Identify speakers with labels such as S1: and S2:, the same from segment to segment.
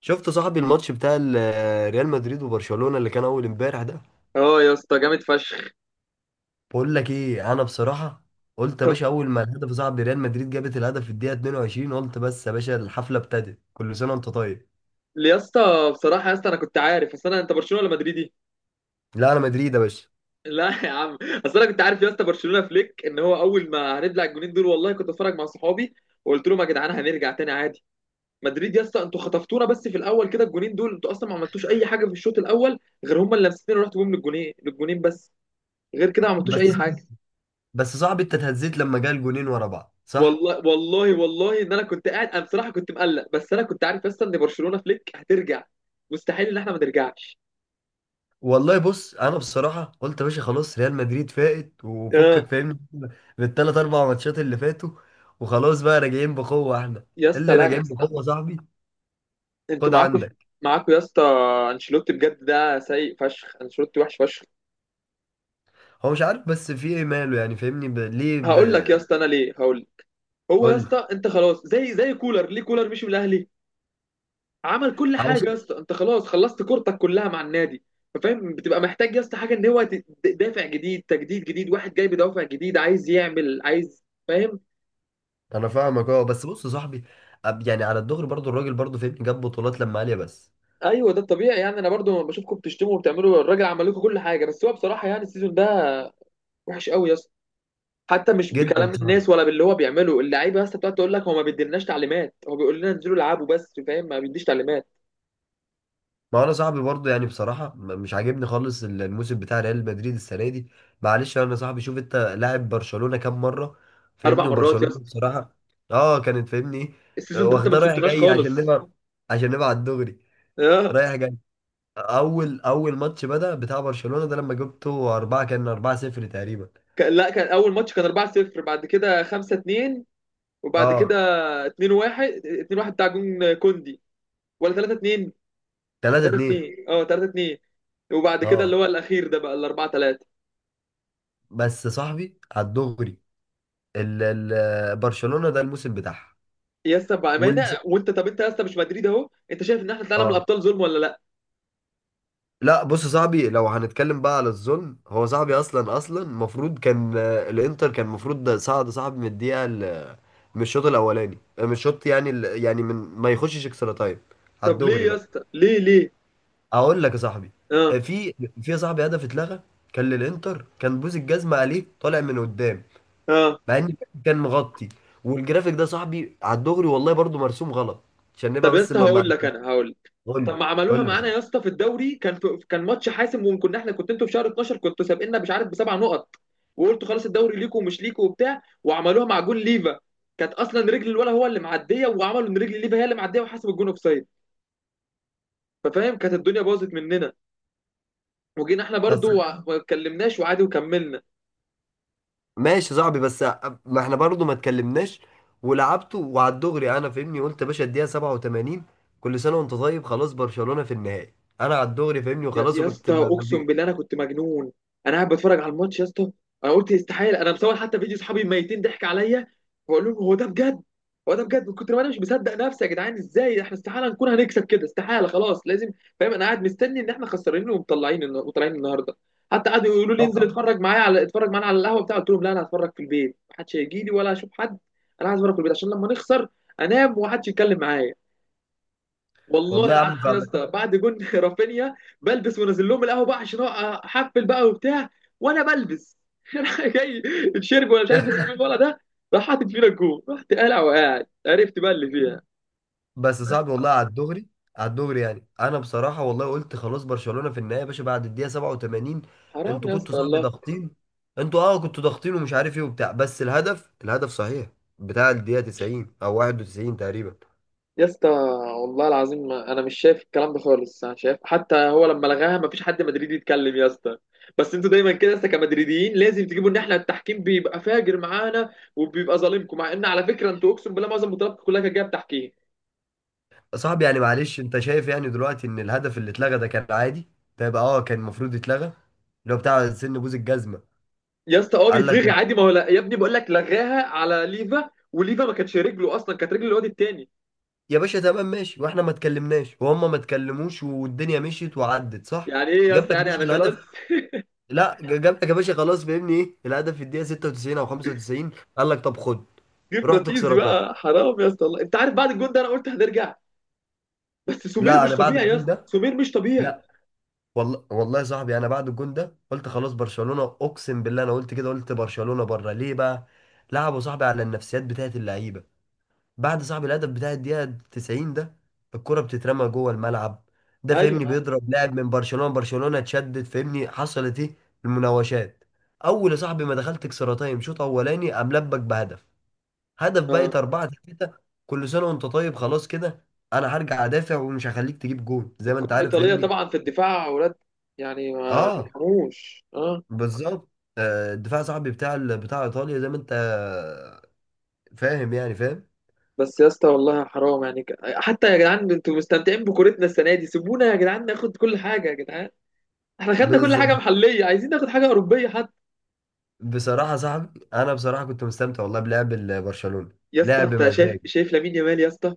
S1: شفت صاحبي الماتش بتاع ريال مدريد وبرشلونة اللي كان اول امبارح ده.
S2: اه يا اسطى، جامد فشخ.
S1: بقول لك ايه انا بصراحة، قلت يا
S2: طب
S1: باشا اول ما الهدف صاحبي ريال مدريد جابت الهدف في الدقيقة 22، قلت بس يا باشا الحفلة ابتدت، كل سنة وانت طيب.
S2: يا اسطى، بصراحه يا اسطى، انا كنت عارف. اصل انا، انت برشلونه ولا مدريدي؟
S1: لا انا مدريد يا باشا.
S2: لا يا عم. اصل انا كنت عارف يا اسطى، برشلونه فليك ان هو اول ما هنبلع الجونين دول، والله كنت اتفرج مع صحابي وقلت لهم يا جدعان هنرجع تاني عادي. مدريد يا اسطى انتوا خطفتونا بس في الاول كده، الجونين دول انتوا اصلا ما عملتوش اي حاجه في الشوط الاول، غير هم اللي لمستين ورحتوا بيهم للجونين بس، غير كده ما عملتوش اي
S1: بس
S2: حاجه.
S1: بس صاحبي، انت اتهزيت لما جه الجونين ورا بعض، صح؟
S2: والله والله والله ان انا كنت قاعد، انا بصراحه كنت مقلق، بس انا كنت عارف يا اسطى ان برشلونه فليك هترجع، مستحيل ان احنا ما نرجعش.
S1: والله بص، انا بصراحة قلت يا باشا خلاص ريال مدريد فائت وفكك،
S2: آه.
S1: فاهمني؟ بالثلاث اربع ماتشات اللي فاتوا، وخلاص بقى راجعين بقوة احنا،
S2: يا اسطى
S1: اللي
S2: لا يا
S1: راجعين
S2: اسطى،
S1: بقوة صاحبي.
S2: انتوا
S1: خد
S2: معاكوا،
S1: عندك.
S2: معاكوا يا اسطى. انشيلوتي بجد ده سيء فشخ، انشيلوتي وحش فشخ.
S1: هو مش عارف بس في ايه ماله، يعني فاهمني ليه
S2: هقول لك يا اسطى انا ليه، هقول لك. هو يا
S1: قول لي.
S2: اسطى انت خلاص، زي كولر، ليه كولر مشي من الاهلي؟ عمل كل حاجه يا
S1: علشان
S2: اسطى، انت خلاص خلصت كورتك كلها مع النادي، فاهم؟ بتبقى محتاج يا اسطى حاجه، ان هو دافع جديد، تجديد جديد، واحد جاي بدافع جديد عايز يعمل، عايز، فاهم.
S1: انا فاهمك، اه بس بص يا صاحبي، يعني على الدغري برضو الراجل برضو فاهمني جاب بطولات لما عاليه بس.
S2: ايوه ده الطبيعي يعني، انا برضو لما بشوفكم بتشتموا وبتعملوا، الراجل عمل لكم كل حاجه، بس هو بصراحه يعني السيزون ده وحش قوي يا اسطى. حتى مش
S1: جدا يا
S2: بكلام
S1: صاحبي،
S2: الناس ولا باللي هو بيعمله اللعيبه، بس بتقعد تقول لك هو ما بيديلناش تعليمات، هو بيقول لنا انزلوا العبوا بس، فاهم، ما بيديش تعليمات.
S1: ما انا صاحبي برضو يعني بصراحه مش عاجبني خالص الموسم بتاع ريال مدريد السنه دي. معلش انا صاحبي، شوف انت لاعب برشلونه كام مره؟
S2: اربع
S1: فاهمني
S2: مرات يا
S1: وبرشلونه
S2: اسطى،
S1: بصراحه. اه كانت فاهمني، إيه،
S2: السيزون ده انت ما
S1: واخداه رايح
S2: كسبتناش
S1: جاي عشان
S2: خالص.
S1: نبقى، عشان نبقى على الدغري،
S2: اه
S1: رايح جاي. اول ماتش بدأ بتاع برشلونة ده لما جبته أربعة، كان أربعة صفر تقريبا.
S2: كان، لا كان اول ماتش كان 4-0، بعد كده 5-2، وبعد كده
S1: اه،
S2: 2-1. 2-1 بتاع جون كوندي، ولا 3-2؟
S1: تلاتة اتنين.
S2: 3-2، اه 3-2. وبعد كده اللي
S1: اه.
S2: هو الاخير ده بقى ال 4-3.
S1: بس صاحبي على الدغري، ال ال برشلونة ده الموسم بتاعها.
S2: يا اسطى بامانه،
S1: والس...
S2: وانت، طب انت يا اسطى مش مدريد اهو، انت شايف ان احنا طلعنا من
S1: اه،
S2: الابطال ظلم ولا لا؟
S1: لا بص صاحبي، لو هنتكلم بقى على الظلم، هو صاحبي اصلا المفروض كان، الانتر كان المفروض ده صعد صاحبي من الدقيقة، من الشوط الاولاني، من الشوط يعني يعني من ما يخشش اكسترا تايم. على
S2: طب ليه
S1: الدغري
S2: يا
S1: بقى،
S2: اسطى، ليه ليه؟
S1: اقول لك يا صاحبي.
S2: اه.
S1: في في يا صاحبي هدف اتلغى، كان للانتر، كان بوز الجزمه عليه طالع من قدام،
S2: اه.
S1: مع ان كان مغطي. والجرافيك ده يا صاحبي على الدغري والله برضو مرسوم غلط. عشان نبقى
S2: طب يا
S1: بس
S2: اسطى
S1: ما
S2: هقول
S1: ما
S2: لك، انا هقول لك.
S1: قول لي.
S2: طب ما
S1: قول
S2: عملوها
S1: لي يا
S2: معانا
S1: صاحبي.
S2: يا اسطى في الدوري، كان في، كان ماتش حاسم، وكنا احنا كنت، انتوا في شهر 12 كنتوا سابقنا مش عارف بسبع نقط، وقلتوا خلاص الدوري ليكوا ومش ليكوا وبتاع، وعملوها مع جون ليفا، كانت اصلا رجل الولا هو اللي معديه، وعملوا ان رجل ليفا هي اللي معديه، وحسب الجون اوفسايد. ففاهم كانت الدنيا باظت مننا، وجينا احنا
S1: بس،
S2: برضو ما اتكلمناش وعادي وكملنا.
S1: ماشي يا صاحبي، بس ما احنا برضو ما اتكلمناش ولعبته. وعلى الدغري انا فاهمني قلت يا باشا الدقيقه 87، كل سنه وانت طيب، خلاص برشلونه في النهائي. انا على الدغري فاهمني
S2: يا
S1: وخلاص،
S2: يا
S1: وكنت
S2: اسطى اقسم بالله انا كنت مجنون. انا قاعد بتفرج على الماتش يا اسطى، انا قلت استحاله. انا مصور حتى فيديو، صحابي ميتين ضحك عليا، بقول لهم هو ده بجد؟ هو ده بجد، من كتر ما انا مش مصدق نفسي يا جدعان، ازاي احنا؟ استحاله نكون هنكسب كده، استحاله، خلاص لازم، فاهم. انا قاعد مستني ان احنا خسرانين ومطلعين وطالعين النهارده. حتى قعدوا يقولوا لي
S1: أو-
S2: انزل اتفرج معايا على، اتفرج معانا على القهوه بتاع قلت لهم لا انا هتفرج في البيت، محدش هيجي لي ولا هشوف حد. انا عايز اتفرج في البيت عشان لما نخسر انام ومحدش يتكلم معايا. والله
S1: والله يا عم
S2: العظيم يا
S1: فاهمك.
S2: اسطى بعد جون رافينيا بلبس ونازل لهم القهوه بقى عشان احفل بقى وبتاع، وانا بلبس راح جاي الشرب، ولا مش عارف اسمه مين ولا ده، راح حاطط فينا الجون، رحت قالع وقاعد، عرفت بقى اللي فيها.
S1: بس صعب والله، على الدغري، على الدغري يعني انا بصراحه والله قلت خلاص برشلونه في النهايه يا باشا بعد الدقيقه 87.
S2: حرام
S1: انتوا
S2: يا
S1: كنتوا
S2: اسطى،
S1: صعب
S2: الله.
S1: ضاغطين، انتوا اه كنتوا ضاغطين ومش عارف ايه وبتاع، بس الهدف صحيح بتاع الدقيقه 90 او 91 تقريبا.
S2: يا اسطى والله العظيم انا مش شايف الكلام ده خالص، انا شايف حتى هو لما لغاها ما فيش حد مدريدي يتكلم يا اسطى، بس انتوا دايما كده يا اسطى كمدريديين لازم تجيبوا ان احنا التحكيم بيبقى فاجر معانا وبيبقى ظالمكم، مع ان على فكره انتوا اقسم بالله معظم بطولاتكم كلها كانت جايه بتحكيم.
S1: صعب يعني، معلش انت شايف يعني دلوقتي ان الهدف اللي اتلغى ده كان عادي؟ ده يبقى اه كان المفروض يتلغى، اللي هو بتاع سن بوز الجزمه.
S2: يا اسطى اه
S1: قال لك
S2: بيتلغي
S1: لا،
S2: عادي، ما هو لا يا ابني، بقول لك لغاها على ليفا، وليفا ما كانتش رجله اصلا، كانت رجل الواد التاني.
S1: يا باشا تمام ماشي، واحنا ما اتكلمناش وهم ما اتكلموش والدنيا مشيت وعدت، صح؟
S2: يعني ايه يا
S1: جاب
S2: اسطى؟
S1: لك يا
S2: يعني
S1: باشا
S2: انا خلاص
S1: الهدف. لا جاب لك يا باشا خلاص، فاهمني ايه، الهدف في الدقيقه 96 او 95، قال لك طب خد.
S2: جه
S1: روح
S2: فراتيزي
S1: تكسر طيب.
S2: بقى، حرام يا اسطى، والله انت عارف بعد الجون ده انا قلت هنرجع. بس سمير
S1: لا
S2: مش
S1: انا بعد
S2: طبيعي يا
S1: الجون
S2: اسطى،
S1: ده،
S2: سمير مش طبيعي.
S1: لا، والله والله يا صاحبي انا بعد الجون ده قلت خلاص برشلونه، اقسم بالله انا قلت كده، قلت برشلونه بره ليه بقى؟ لعبوا صاحبي على النفسيات بتاعت اللعيبه، بعد صاحبي الهدف بتاع الدقيقه 90 ده، الكره بتترمى جوه الملعب، ده
S2: ايوه.
S1: فاهمني بيضرب لاعب من برشلونه، برشلونه اتشدد فاهمني حصلت ايه؟ المناوشات. اول يا صاحبي ما دخلت اكسترا تايم شوط اولاني، قام لبك بهدف، هدف
S2: آه.
S1: بقت 4-3، كل سنه وانت طيب خلاص كده. انا هرجع ادافع ومش هخليك تجيب جون، زي ما انت
S2: الكره
S1: عارف
S2: الايطاليه
S1: فاهمني.
S2: طبعا في الدفاع اولاد، يعني ما
S1: اه،
S2: بيرحموش، اه.
S1: بالظبط. الدفاع صاحبي بتاع بتاع ايطاليا، زي ما انت فاهم يعني فاهم.
S2: بس يا اسطى والله حرام يعني، حتى يا جدعان انتوا مستمتعين بكورتنا السنه دي، سيبونا يا جدعان ناخد كل حاجه يا جدعان. احنا خدنا كل حاجه
S1: بالظبط.
S2: محليه، عايزين ناخد حاجه اوروبيه حتى.
S1: بصراحه صاحبي، انا بصراحه كنت مستمتع والله بلعب برشلونه.
S2: يا اسطى
S1: لعب
S2: انت شايف،
S1: مزاج،
S2: شايف لامين يامال يا اسطى؟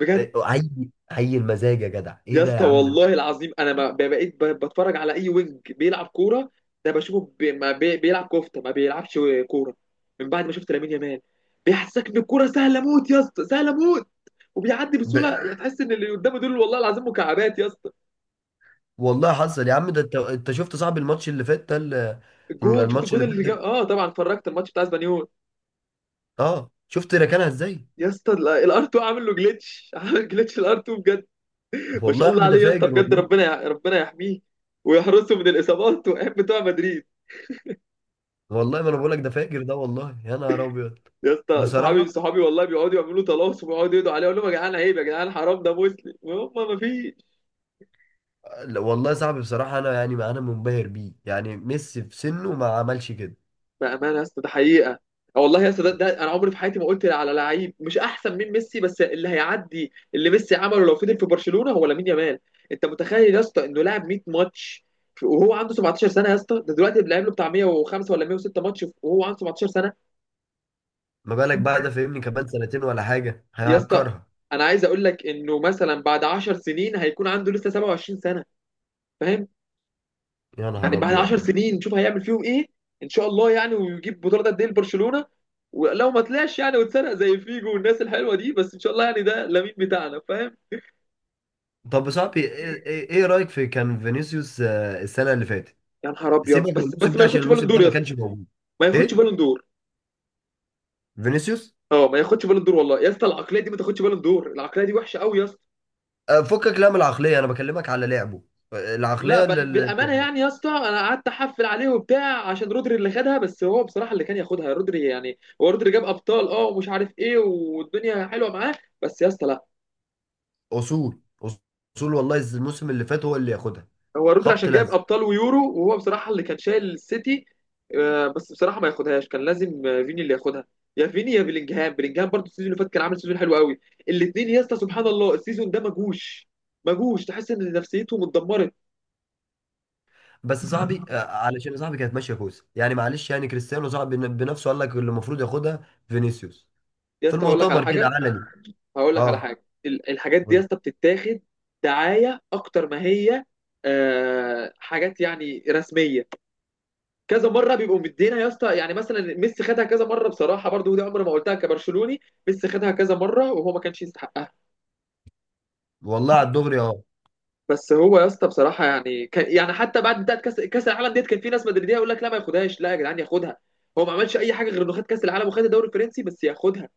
S2: بجد.
S1: إيه، عي المزاج يا جدع. ايه
S2: يا
S1: ده يا
S2: اسطى
S1: عم ده؟
S2: والله العظيم انا ما ب- بقيت بتفرج على اي وينج بيلعب كوره، ده بشوفه بي بيلعب كفته، ما بيلعبش كوره من بعد ما شفت لامين يامال. بيحسسك ان الكوره سهله موت يا اسطى، سهله موت. وبيعدي
S1: ده-
S2: بسهوله، تحس ان اللي قدامه دول والله العظيم مكعبات يا اسطى.
S1: والله حصل يا عم ده، انت شفت صاحبي الماتش اللي فات ده
S2: الجون، شفت
S1: الماتش
S2: الجون
S1: اللي فات
S2: اللي جاب؟
S1: ده،
S2: اه طبعا اتفرجت الماتش بتاع اسبانيول.
S1: اه شفت ركنها ازاي؟
S2: يا اسطى الار 2 عامل له جليتش، عامل جليتش الار 2 بجد. ما
S1: والله
S2: شاء
S1: يا
S2: الله
S1: عم ده
S2: عليه يا اسطى
S1: فاجر
S2: بجد،
S1: والله.
S2: ربنا ربنا يحميه ويحرسه من الاصابات والايام بتوع مدريد.
S1: والله ما انا بقول لك ده فاجر ده، والله يا نهار ابيض.
S2: يا اسطى صحابي
S1: بصراحه،
S2: صحابي والله بيقعدوا يعملوا تلاصم ويقعدوا يدعوا عليه، اقول لهم يا جدعان عيب يا جدعان حرام ده مسلم، هم ما فيش.
S1: لا، والله يا صاحبي بصراحه انا يعني انا منبهر بيه، يعني ميسي في سنه ما عملش كده.
S2: بامانه يا اسطى ده حقيقه. آه والله يا اسطى، ده انا عمري في حياتي ما قلت على لعيب مش احسن من ميسي، بس اللي هيعدي اللي ميسي عمله لو فضل في برشلونه هو لامين يامال. انت متخيل يا اسطى انه لعب 100 ماتش وهو عنده 17 سنه يا اسطى؟ ده دلوقتي لعب له بتاع 105 ولا 106 ماتش وهو عنده 17 سنه.
S1: ما بالك بقى، ده فاهمني كمان سنتين ولا حاجه
S2: يا اسطى
S1: هيهكرها.
S2: انا عايز اقول لك انه مثلا بعد 10 سنين هيكون عنده لسه 27 سنه، فاهم؟
S1: يا
S2: يعني
S1: نهار
S2: بعد 10
S1: ابيض.
S2: سنين نشوف هيعمل فيهم ايه، ان شاء الله يعني، ويجيب بطوله قد ايه لبرشلونه. ولو ما طلعش يعني واتسرق زي فيجو والناس الحلوه دي، بس ان شاء الله يعني ده لامين بتاعنا، فاهم.
S1: طب يا صاحبي، إيه رايك في كان فينيسيوس السنه اللي فاتت؟
S2: يا نهار ابيض.
S1: سيبك من
S2: بس
S1: الموسم
S2: بس ما
S1: ده عشان
S2: ياخدش بالون
S1: الموسم ده
S2: دور يا
S1: ما
S2: اسطى،
S1: كانش موجود.
S2: ما ياخدش
S1: ايه
S2: بالون دور.
S1: فينيسيوس؟
S2: اه ما ياخدش بالون دور، والله يا اسطى العقليه دي ما تاخدش بالون دور، العقليه دي وحشه قوي يا اسطى.
S1: فكك لا من العقليه، انا بكلمك على لعبه، آه،
S2: لا
S1: العقليه
S2: بل
S1: اللي
S2: بالامانه يعني يا اسطى، انا قعدت احفل عليه وبتاع عشان رودري اللي خدها، بس هو بصراحه اللي كان ياخدها رودري، يعني هو رودري جاب ابطال اه ومش عارف ايه والدنيا حلوه معاه، بس يا اسطى لا.
S1: اصول، اصول والله الموسم اللي فات هو اللي ياخدها.
S2: هو رودري
S1: خبط
S2: عشان جايب
S1: لزق.
S2: ابطال ويورو، وهو بصراحه اللي كان شايل السيتي. آه، بس بصراحه ما ياخدهاش، كان لازم آه، فيني اللي ياخدها. يا فيني يا بلينجهام، بلينجهام برضه السيزون اللي فات كان عامل سيزون حلو قوي. الاثنين يا اسطى سبحان الله السيزون ده مجوش، مجوش، تحس ان نفسيتهم اتدمرت.
S1: بس صاحبي، علشان صاحبي كانت ماشيه كويس يعني. معلش يعني كريستيانو صاحبي بنفسه قال لك اللي المفروض ياخدها فينيسيوس،
S2: يا
S1: في
S2: اسطى هقول لك على
S1: المؤتمر كده
S2: حاجه،
S1: علني.
S2: هقول لك على
S1: اه،
S2: حاجه، الحاجات دي يا
S1: قول.
S2: اسطى بتتاخد دعايه اكتر ما هي آه، حاجات يعني رسميه. كذا مره بيبقوا مدينا يا اسطى، يعني مثلا ميسي خدها كذا مره بصراحه برضو، ودي عمري ما قلتها كبرشلوني، ميسي خدها كذا مره وهو ما كانش يستحقها.
S1: والله على الدغري اه.
S2: بس هو يا اسطى بصراحه يعني كان يعني، حتى بعد بتاعت كاس العالم ديت كان في ناس مدريديه يقول لك لا ما ياخدهاش، لا يا جدعان ياخدها. هو ما عملش اي حاجه غير انه خد كاس العالم وخد الدوري الفرنسي، بس ياخدها،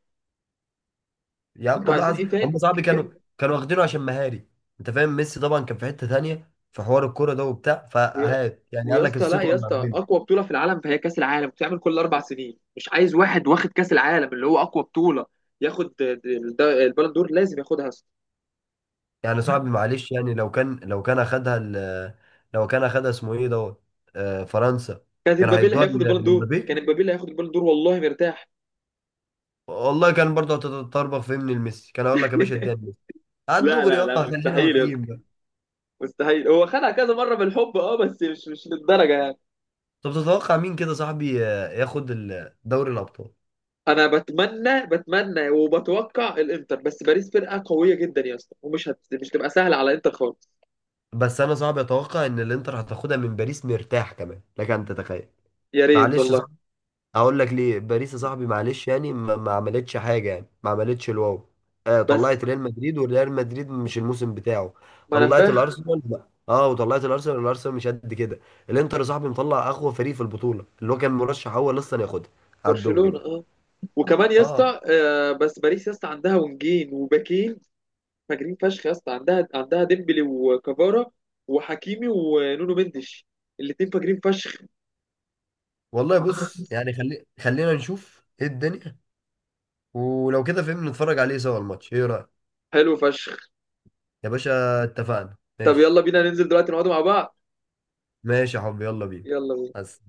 S1: يا عم
S2: انتوا
S1: والله
S2: عايزين ايه
S1: هم
S2: تاني؟
S1: صاحبي كانوا، كانوا واخدينه عشان مهاري. انت فاهم، ميسي طبعا كان في حته تانيه في حوار الكوره ده وبتاع،
S2: ويا
S1: فهات يعني
S2: ويا
S1: قال لك
S2: اسطى لا
S1: الصيت
S2: يا
S1: ولا.
S2: اسطى، اقوى بطوله في العالم فهي كاس العالم، بتعمل كل اربع سنين، مش عايز واحد واخد كاس العالم اللي هو اقوى بطوله ياخد البالون دور؟ لازم ياخدها.
S1: يعني صاحبي معلش، يعني لو كان اخدها لو كان اخدها اسمه ايه دوت، فرنسا،
S2: كانت
S1: كان
S2: امبابي اللي
S1: هيدوها
S2: هياخد البالون دور،
S1: لمبابي.
S2: كان امبابي اللي هياخد البالون دور والله مرتاح.
S1: والله كان برضه هتتطربخ في من الميسي، كان هقول لك يا باشا اديها لميسي. على
S2: لا
S1: الدغري
S2: لا
S1: اه،
S2: لا
S1: خلينا
S2: مستحيل يا
S1: واضحين
S2: اسطى،
S1: بقى.
S2: مستحيل. هو خدها كذا مره بالحب اه، بس مش، مش للدرجه يعني.
S1: طب تتوقع مين كده صاحبي ياخد دوري الابطال؟
S2: انا بتمنى بتمنى وبتوقع الانتر، بس باريس فرقه قويه جدا يا اسطى، ومش مش تبقى سهله على انتر خالص.
S1: بس انا صعب اتوقع ان الانتر هتاخدها من باريس، مرتاح كمان لك ان تتخيل؟
S2: يا ريت
S1: معلش،
S2: والله.
S1: اقول لك ليه باريس يا صاحبي معلش، يعني ما عملتش حاجه، يعني ما عملتش الواو. آه
S2: بس
S1: طلعت ريال مدريد وريال مدريد مش الموسم بتاعه.
S2: ما انا
S1: طلعت
S2: فاهم.
S1: الارسنال، لا. اه، وطلعت الارسنال، الارسنال مش قد كده. الانتر يا صاحبي مطلع اقوى فريق في البطوله، اللي هو كان مرشح اول اصلا ياخدها على الدوري
S2: برشلونه
S1: بقى.
S2: اه. وكمان يا
S1: اه،
S2: اسطى آه، بس باريس يا اسطى عندها ونجين وباكين فاجرين فشخ يا اسطى، عندها، عندها ديمبلي وكافارا وحكيمي ونونو مندش، الاتنين فاجرين فشخ.
S1: والله بص يعني، خلينا نشوف ايه الدنيا. ولو كده فهمنا نتفرج عليه سوا الماتش، ايه رأيك؟
S2: حلو فشخ.
S1: يا باشا اتفقنا،
S2: طب يلا
S1: ماشي.
S2: بينا ننزل دلوقتي نقعد مع بعض.
S1: ماشي يا حبيبي، يلا بينا.
S2: يلا بينا.
S1: بس.